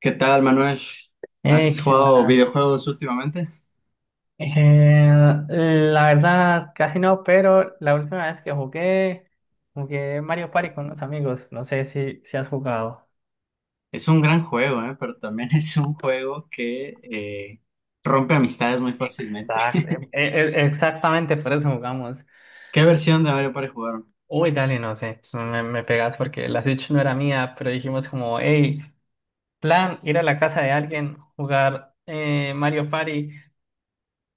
¿Qué tal, Manuel? ¿Has ¿Qué jugado más? videojuegos últimamente? Eh, la verdad, casi no. Pero la última vez que jugué Mario Party con unos amigos. No sé si has jugado. Es un gran juego, ¿eh? Pero también es un juego que rompe amistades muy fácilmente. Exacto, exactamente por eso jugamos. ¿Qué versión de Mario Party jugaron? Uy, dale, no sé, me pegas porque la Switch no era mía. Pero dijimos como, hey, plan, ir a la casa de alguien, jugar Mario Party.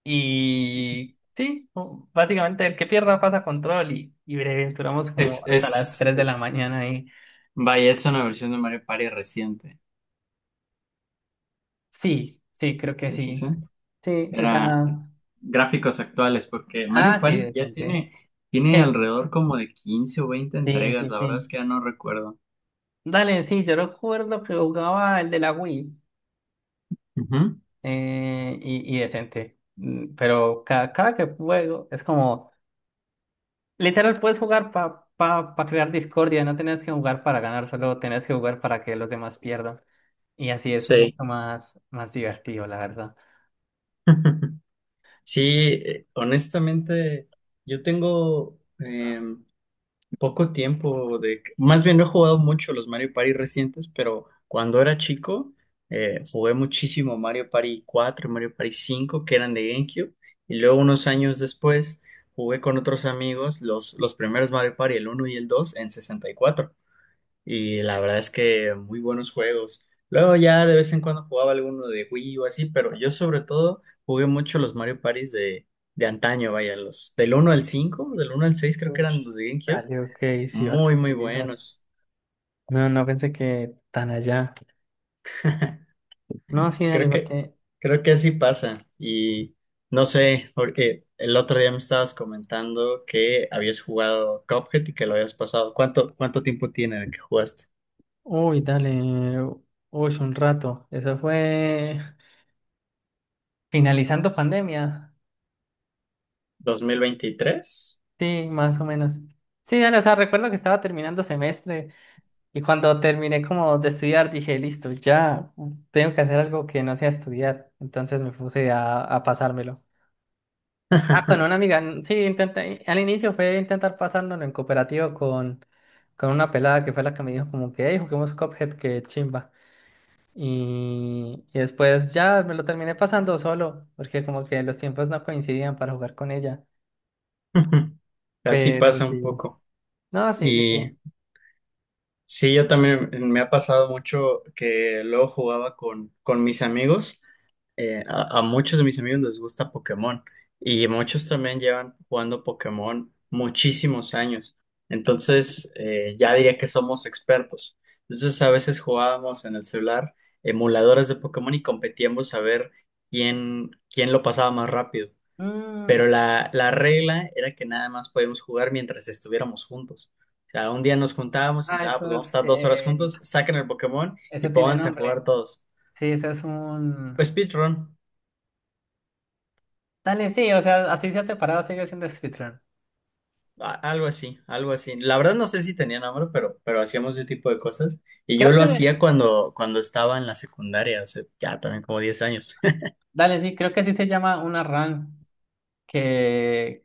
Y sí, básicamente el que pierda pasa control y breve, duramos Es, como hasta las es, 3 de eh, la mañana ahí. Vaya, es una versión de Mario Party reciente. Sí, sí, creo que Sí, sí, sí. sí. Sí, o Era sea, gráficos actuales, porque Mario ah, sí, Party de ya Dante. tiene, Sí, alrededor como de 15 o 20 sí, entregas, sí, la verdad es sí. que ya no recuerdo. Dale, sí, yo recuerdo que jugaba el de la Wii Ujú. Y decente. Pero cada que juego es como, literal, puedes jugar para pa, pa pa crear discordia. No tenés que jugar para ganar, solo tenés que jugar para que los demás pierdan. Y así es mucho Sí. más, más divertido, la verdad. Sí, honestamente, yo tengo poco tiempo más bien, no he jugado mucho los Mario Party recientes, pero cuando era chico jugué muchísimo Mario Party 4, Mario Party 5, que eran de GameCube, y luego unos años después jugué con otros amigos los primeros Mario Party, el uno y el 2 en 64. Y la verdad es que muy buenos juegos. Luego ya de vez en cuando jugaba alguno de Wii o así, pero yo sobre todo jugué mucho los Mario Parties de antaño, vaya, los del uno al 5 del uno al 6 creo que Uf, eran los de GameCube. dale, ok, sí, Muy, bastante muy bien. buenos. No, no pensé que tan allá. No, sí, dale, Creo que, porque. creo que así pasa. Y no sé, porque el otro día me estabas comentando que habías jugado Cuphead y que lo habías pasado. ¿Cuánto tiempo tiene de que jugaste? Uy, dale. Uy, un rato. Eso fue finalizando pandemia. ¿2023? Sí, más o menos. Sí, dale, o sea, recuerdo que estaba terminando semestre. Y cuando terminé como de estudiar dije, listo, ya tengo que hacer algo que no sea estudiar. Entonces me puse a pasármelo. Ah, con una amiga. Sí, intenté. Al inicio fue intentar pasármelo en cooperativo con una pelada que fue la que me dijo como que, hey, juguemos Cuphead, que chimba. Y después ya me lo terminé pasando solo, porque como que los tiempos no coincidían para jugar con ella. Así Pero pasa un sí, poco. no, sí, sí, sí. Y sí, yo también me ha pasado mucho que luego jugaba con mis amigos. A muchos de mis amigos les gusta Pokémon y muchos también llevan jugando Pokémon muchísimos años. Entonces, ya diría que somos expertos. Entonces, a veces jugábamos en el celular emuladores de Pokémon y competíamos a ver quién lo pasaba más rápido. Mm, Pero la regla era que nada más podíamos jugar mientras estuviéramos juntos. O sea, un día nos juntábamos y ah, ya, ah, pues vamos a estar 2 horas juntos, saquen el Pokémon y eso tiene pónganse a nombre. jugar todos. Sí, eso es un... Pues speedrun, Dale, sí, o sea, así se ha separado, sigue siendo speedrun. Algo así, algo así. La verdad no sé si tenía nombre, pero, hacíamos ese tipo de cosas. Y yo Creo lo que, hacía cuando estaba en la secundaria, hace ya también como 10 años. dale, sí, creo que sí se llama una run, que...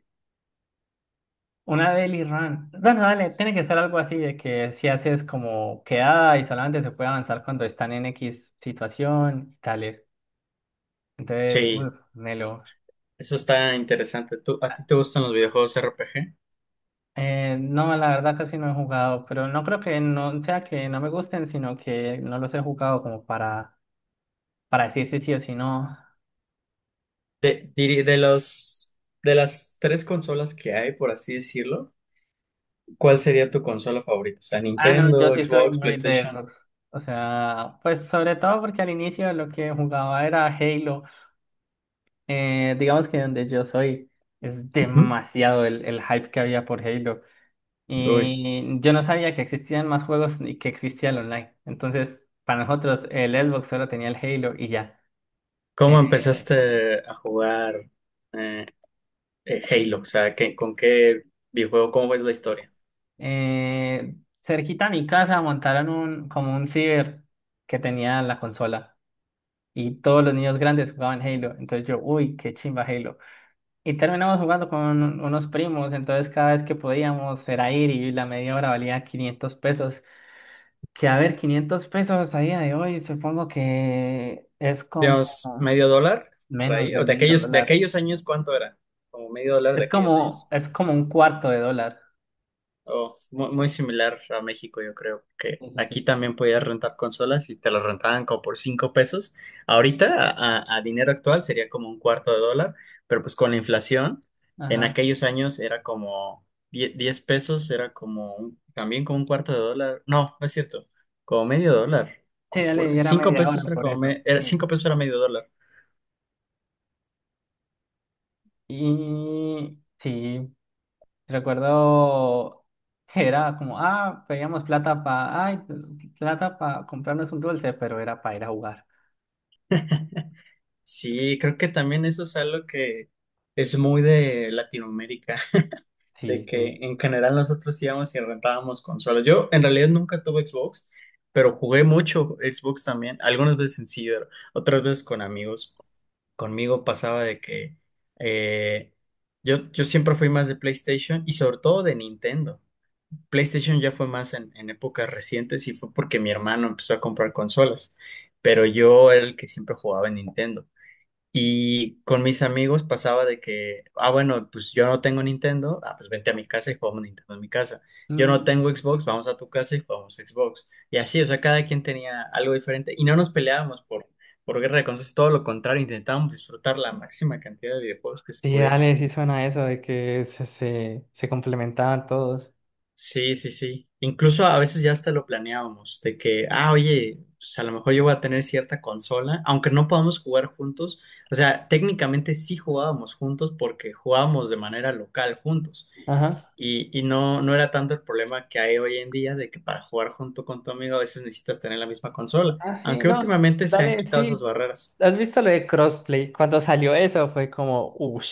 Una daily run. Bueno, dale, tiene que ser algo así de que si haces como quedada y solamente se puede avanzar cuando están en X situación y tal. Entonces, Sí, uff, Nelo. eso está interesante. ¿A ti te gustan los videojuegos RPG? No, la verdad casi no he jugado, pero no creo que no sea que no me gusten, sino que no los he jugado como para decir si sí o si no. De los, de las tres consolas que hay, por así decirlo, ¿cuál sería tu consola favorita? O sea, Ah, no, yo Nintendo, sí soy Xbox, muy de PlayStation. Xbox. O sea, pues sobre todo porque al inicio lo que jugaba era Halo. Digamos que donde yo soy es Ujú. demasiado el hype que había por Halo. Uy, Y yo no sabía que existían más juegos ni que existía el online. Entonces, para nosotros el Xbox solo tenía el Halo y ya. ¿cómo Eh, empezaste a jugar eh, Halo? O sea, con qué videojuego? ¿Cómo es la historia? eh, Cerquita a mi casa montaron como un ciber que tenía la consola y todos los niños grandes jugaban Halo. Entonces yo, uy, qué chimba Halo. Y terminamos jugando con unos primos. Entonces, cada vez que podíamos era ir y la media hora valía 500 pesos. Que a ver, 500 pesos a día de hoy supongo que es como Digamos, medio dólar por menos ahí, de o de medio aquellos, de dólar. aquellos años, ¿cuánto era? Como medio dólar de Es aquellos como, años. es como un cuarto de dólar. Oh, muy, similar a México, yo creo que Sí, sí, aquí sí. también podías rentar consolas y te las rentaban como por 5 pesos. Ahorita, a dinero actual, sería como un cuarto de dólar, pero pues con la inflación, en Ajá. aquellos años era como 10 pesos, era como también como un cuarto de dólar. No, no es cierto, como medio dólar. Sí, dale, y era Cinco media hora pesos era por como, eso. Sí. 5 pesos era medio dólar. Y sí, recuerdo que era como, ah, pedíamos plata para comprarnos un dulce, pero era para ir a jugar. Sí, creo que también eso es algo que es muy de Latinoamérica, de Sí, que sí. en general nosotros íbamos y rentábamos consolas. Yo en realidad nunca tuve Xbox, pero jugué mucho Xbox también, algunas veces en ciber, otras veces con amigos. Conmigo pasaba de que eh, yo siempre fui más de PlayStation y sobre todo de Nintendo. PlayStation ya fue más en épocas recientes y fue porque mi hermano empezó a comprar consolas, pero yo era el que siempre jugaba en Nintendo. Y con mis amigos pasaba de que, ah, bueno, pues yo no tengo Nintendo, ah, pues vente a mi casa y jugamos Nintendo en mi casa. Yo no Mm, tengo Xbox, vamos a tu casa y jugamos Xbox. Y así, o sea, cada quien tenía algo diferente y no nos peleábamos por guerra de consolas, todo lo contrario, intentábamos disfrutar la máxima cantidad de videojuegos que se sí, pudiera. dale, sí suena eso de que se complementaban todos. Sí, sí, sí. Incluso a veces ya hasta lo planeábamos, de que, ah, oye, pues a lo mejor yo voy a tener cierta consola, aunque no podamos jugar juntos. O sea, técnicamente sí jugábamos juntos porque jugábamos de manera local juntos. Ajá. Y no, no era tanto el problema que hay hoy en día de que para jugar junto con tu amigo a veces necesitas tener la misma consola, Ah, sí, aunque no, últimamente se han dale, quitado esas sí. barreras. ¿Has visto lo de crossplay? Cuando salió eso fue como, uff,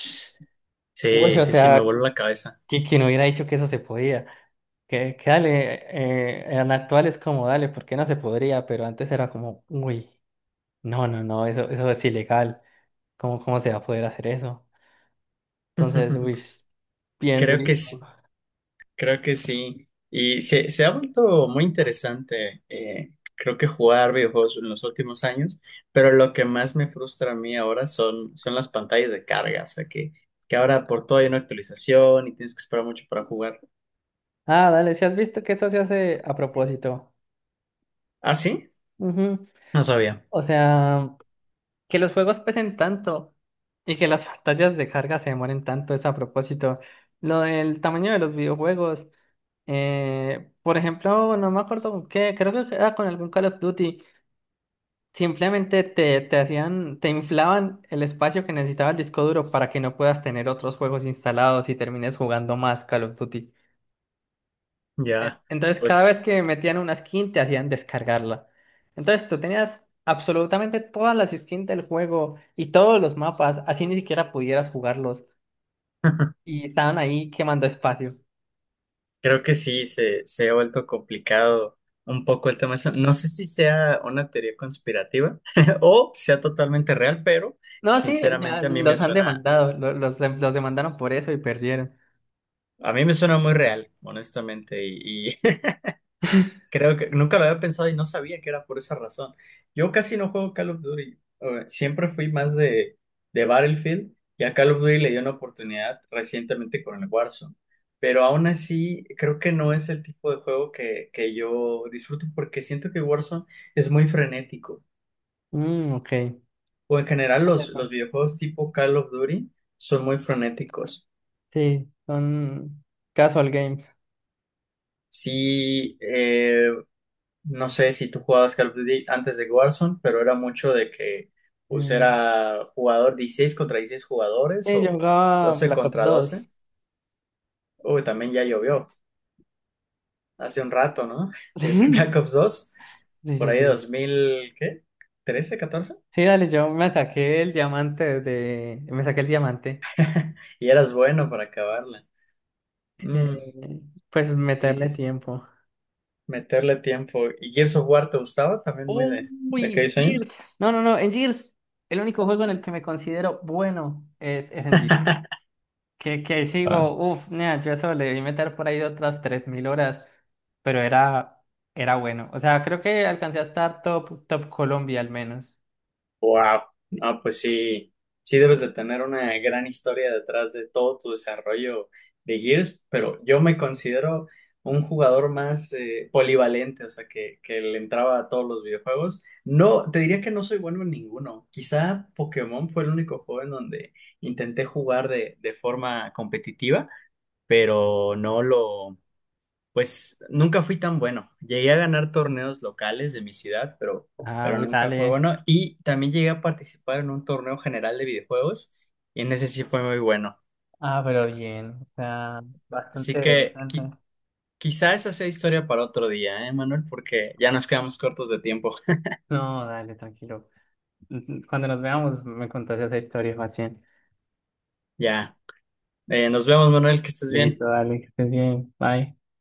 uy, Sí, o sí, sí, me sea, voló la cabeza. y quien hubiera dicho que eso se podía. Que dale, en actual es como dale, ¿por qué no se podría? Pero antes era como, uy, no, no, no, eso es ilegal. ¿Cómo se va a poder hacer eso? Entonces, uy, bien Creo que durísimo. sí. Creo que sí. Y se ha vuelto muy interesante, creo que jugar videojuegos en los últimos años, pero lo que más me frustra a mí ahora son las pantallas de carga, o sea que ahora por todo hay una actualización y tienes que esperar mucho para jugar. Ah, dale, si has visto que eso se hace a propósito. ¿Ah, sí? Ujú. No sabía. O sea. Que los juegos pesen tanto y que las pantallas de carga se demoren tanto es a propósito. Lo del tamaño de los videojuegos, por ejemplo, no me acuerdo con qué, creo que era con algún Call of Duty. Simplemente te inflaban el espacio que necesitaba el disco duro para que no puedas tener otros juegos instalados y termines jugando más Call of Duty. Ya, Entonces, cada vez pues que metían una skin, te hacían descargarla. Entonces, tú tenías absolutamente todas las skins del juego y todos los mapas, así ni siquiera pudieras jugarlos. Y estaban ahí quemando espacio. creo que sí, se ha vuelto complicado un poco el tema de eso. No sé si sea una teoría conspirativa o sea totalmente real, pero No, sí, ya sinceramente a mí me los han suena demandado, los demandaron por eso y perdieron. A mí me suena muy real, honestamente, y creo que nunca lo había pensado y no sabía que era por esa razón. Yo casi no juego Call of Duty, siempre fui más de Battlefield y a Call of Duty le di una oportunidad recientemente con el Warzone, pero aún así creo que no es el tipo de juego que yo disfruto porque siento que Warzone es muy frenético, Mm, ok. o en general Por los, eso. los videojuegos tipo Call of Duty son muy frenéticos. Sí, son casual games. Sí, no sé si tú jugabas Call of Duty antes de Warzone, pero era mucho de que pues Mm, era jugador 16 contra 16 jugadores sí, yo o jugaba doce Black Ops contra doce dos Uy, también ya llovió hace un rato, ¿no? De Black Ops 2 Sí, por sí, ahí de sí. 2000 ¿qué? Trece catorce. Sí, dale, yo me saqué el diamante de... Me saqué el diamante. Y eras bueno para acabarla. Mm, Eh, pues sí, meterle sí, tiempo. meterle tiempo. ¿Y Gears of War te gustaba también muy de Uy, aquellos Gears. años? No, no, no, en Gears, el único juego en el que me considero bueno es en Gears. Que sigo, uff, yo eso le debí meter por ahí otras 3000 horas, pero era bueno. O sea, creo que alcancé a estar top, top Colombia al menos. Wow, no, pues sí, sí debes de tener una gran historia detrás de todo tu desarrollo de Gears, pero yo me considero un jugador más polivalente, o sea, que le entraba a todos los videojuegos. No, te diría que no soy bueno en ninguno. Quizá Pokémon fue el único juego en donde intenté jugar de forma competitiva, pero pues nunca fui tan bueno. Llegué a ganar torneos locales de mi ciudad, pero, Ah, uy, nunca fue dale. bueno. Y también llegué a participar en un torneo general de videojuegos y en ese sí fue muy bueno. Ah, pero bien, o sea, bastante Así que interesante. Quizá esa sea historia para otro día, ¿eh, Manuel? Porque ya nos quedamos cortos de tiempo. No, dale, tranquilo. Cuando nos veamos, me contás esa historia más bien. Ya. Nos vemos, Manuel, que estés bien. Listo, dale, que estés bien. Bye.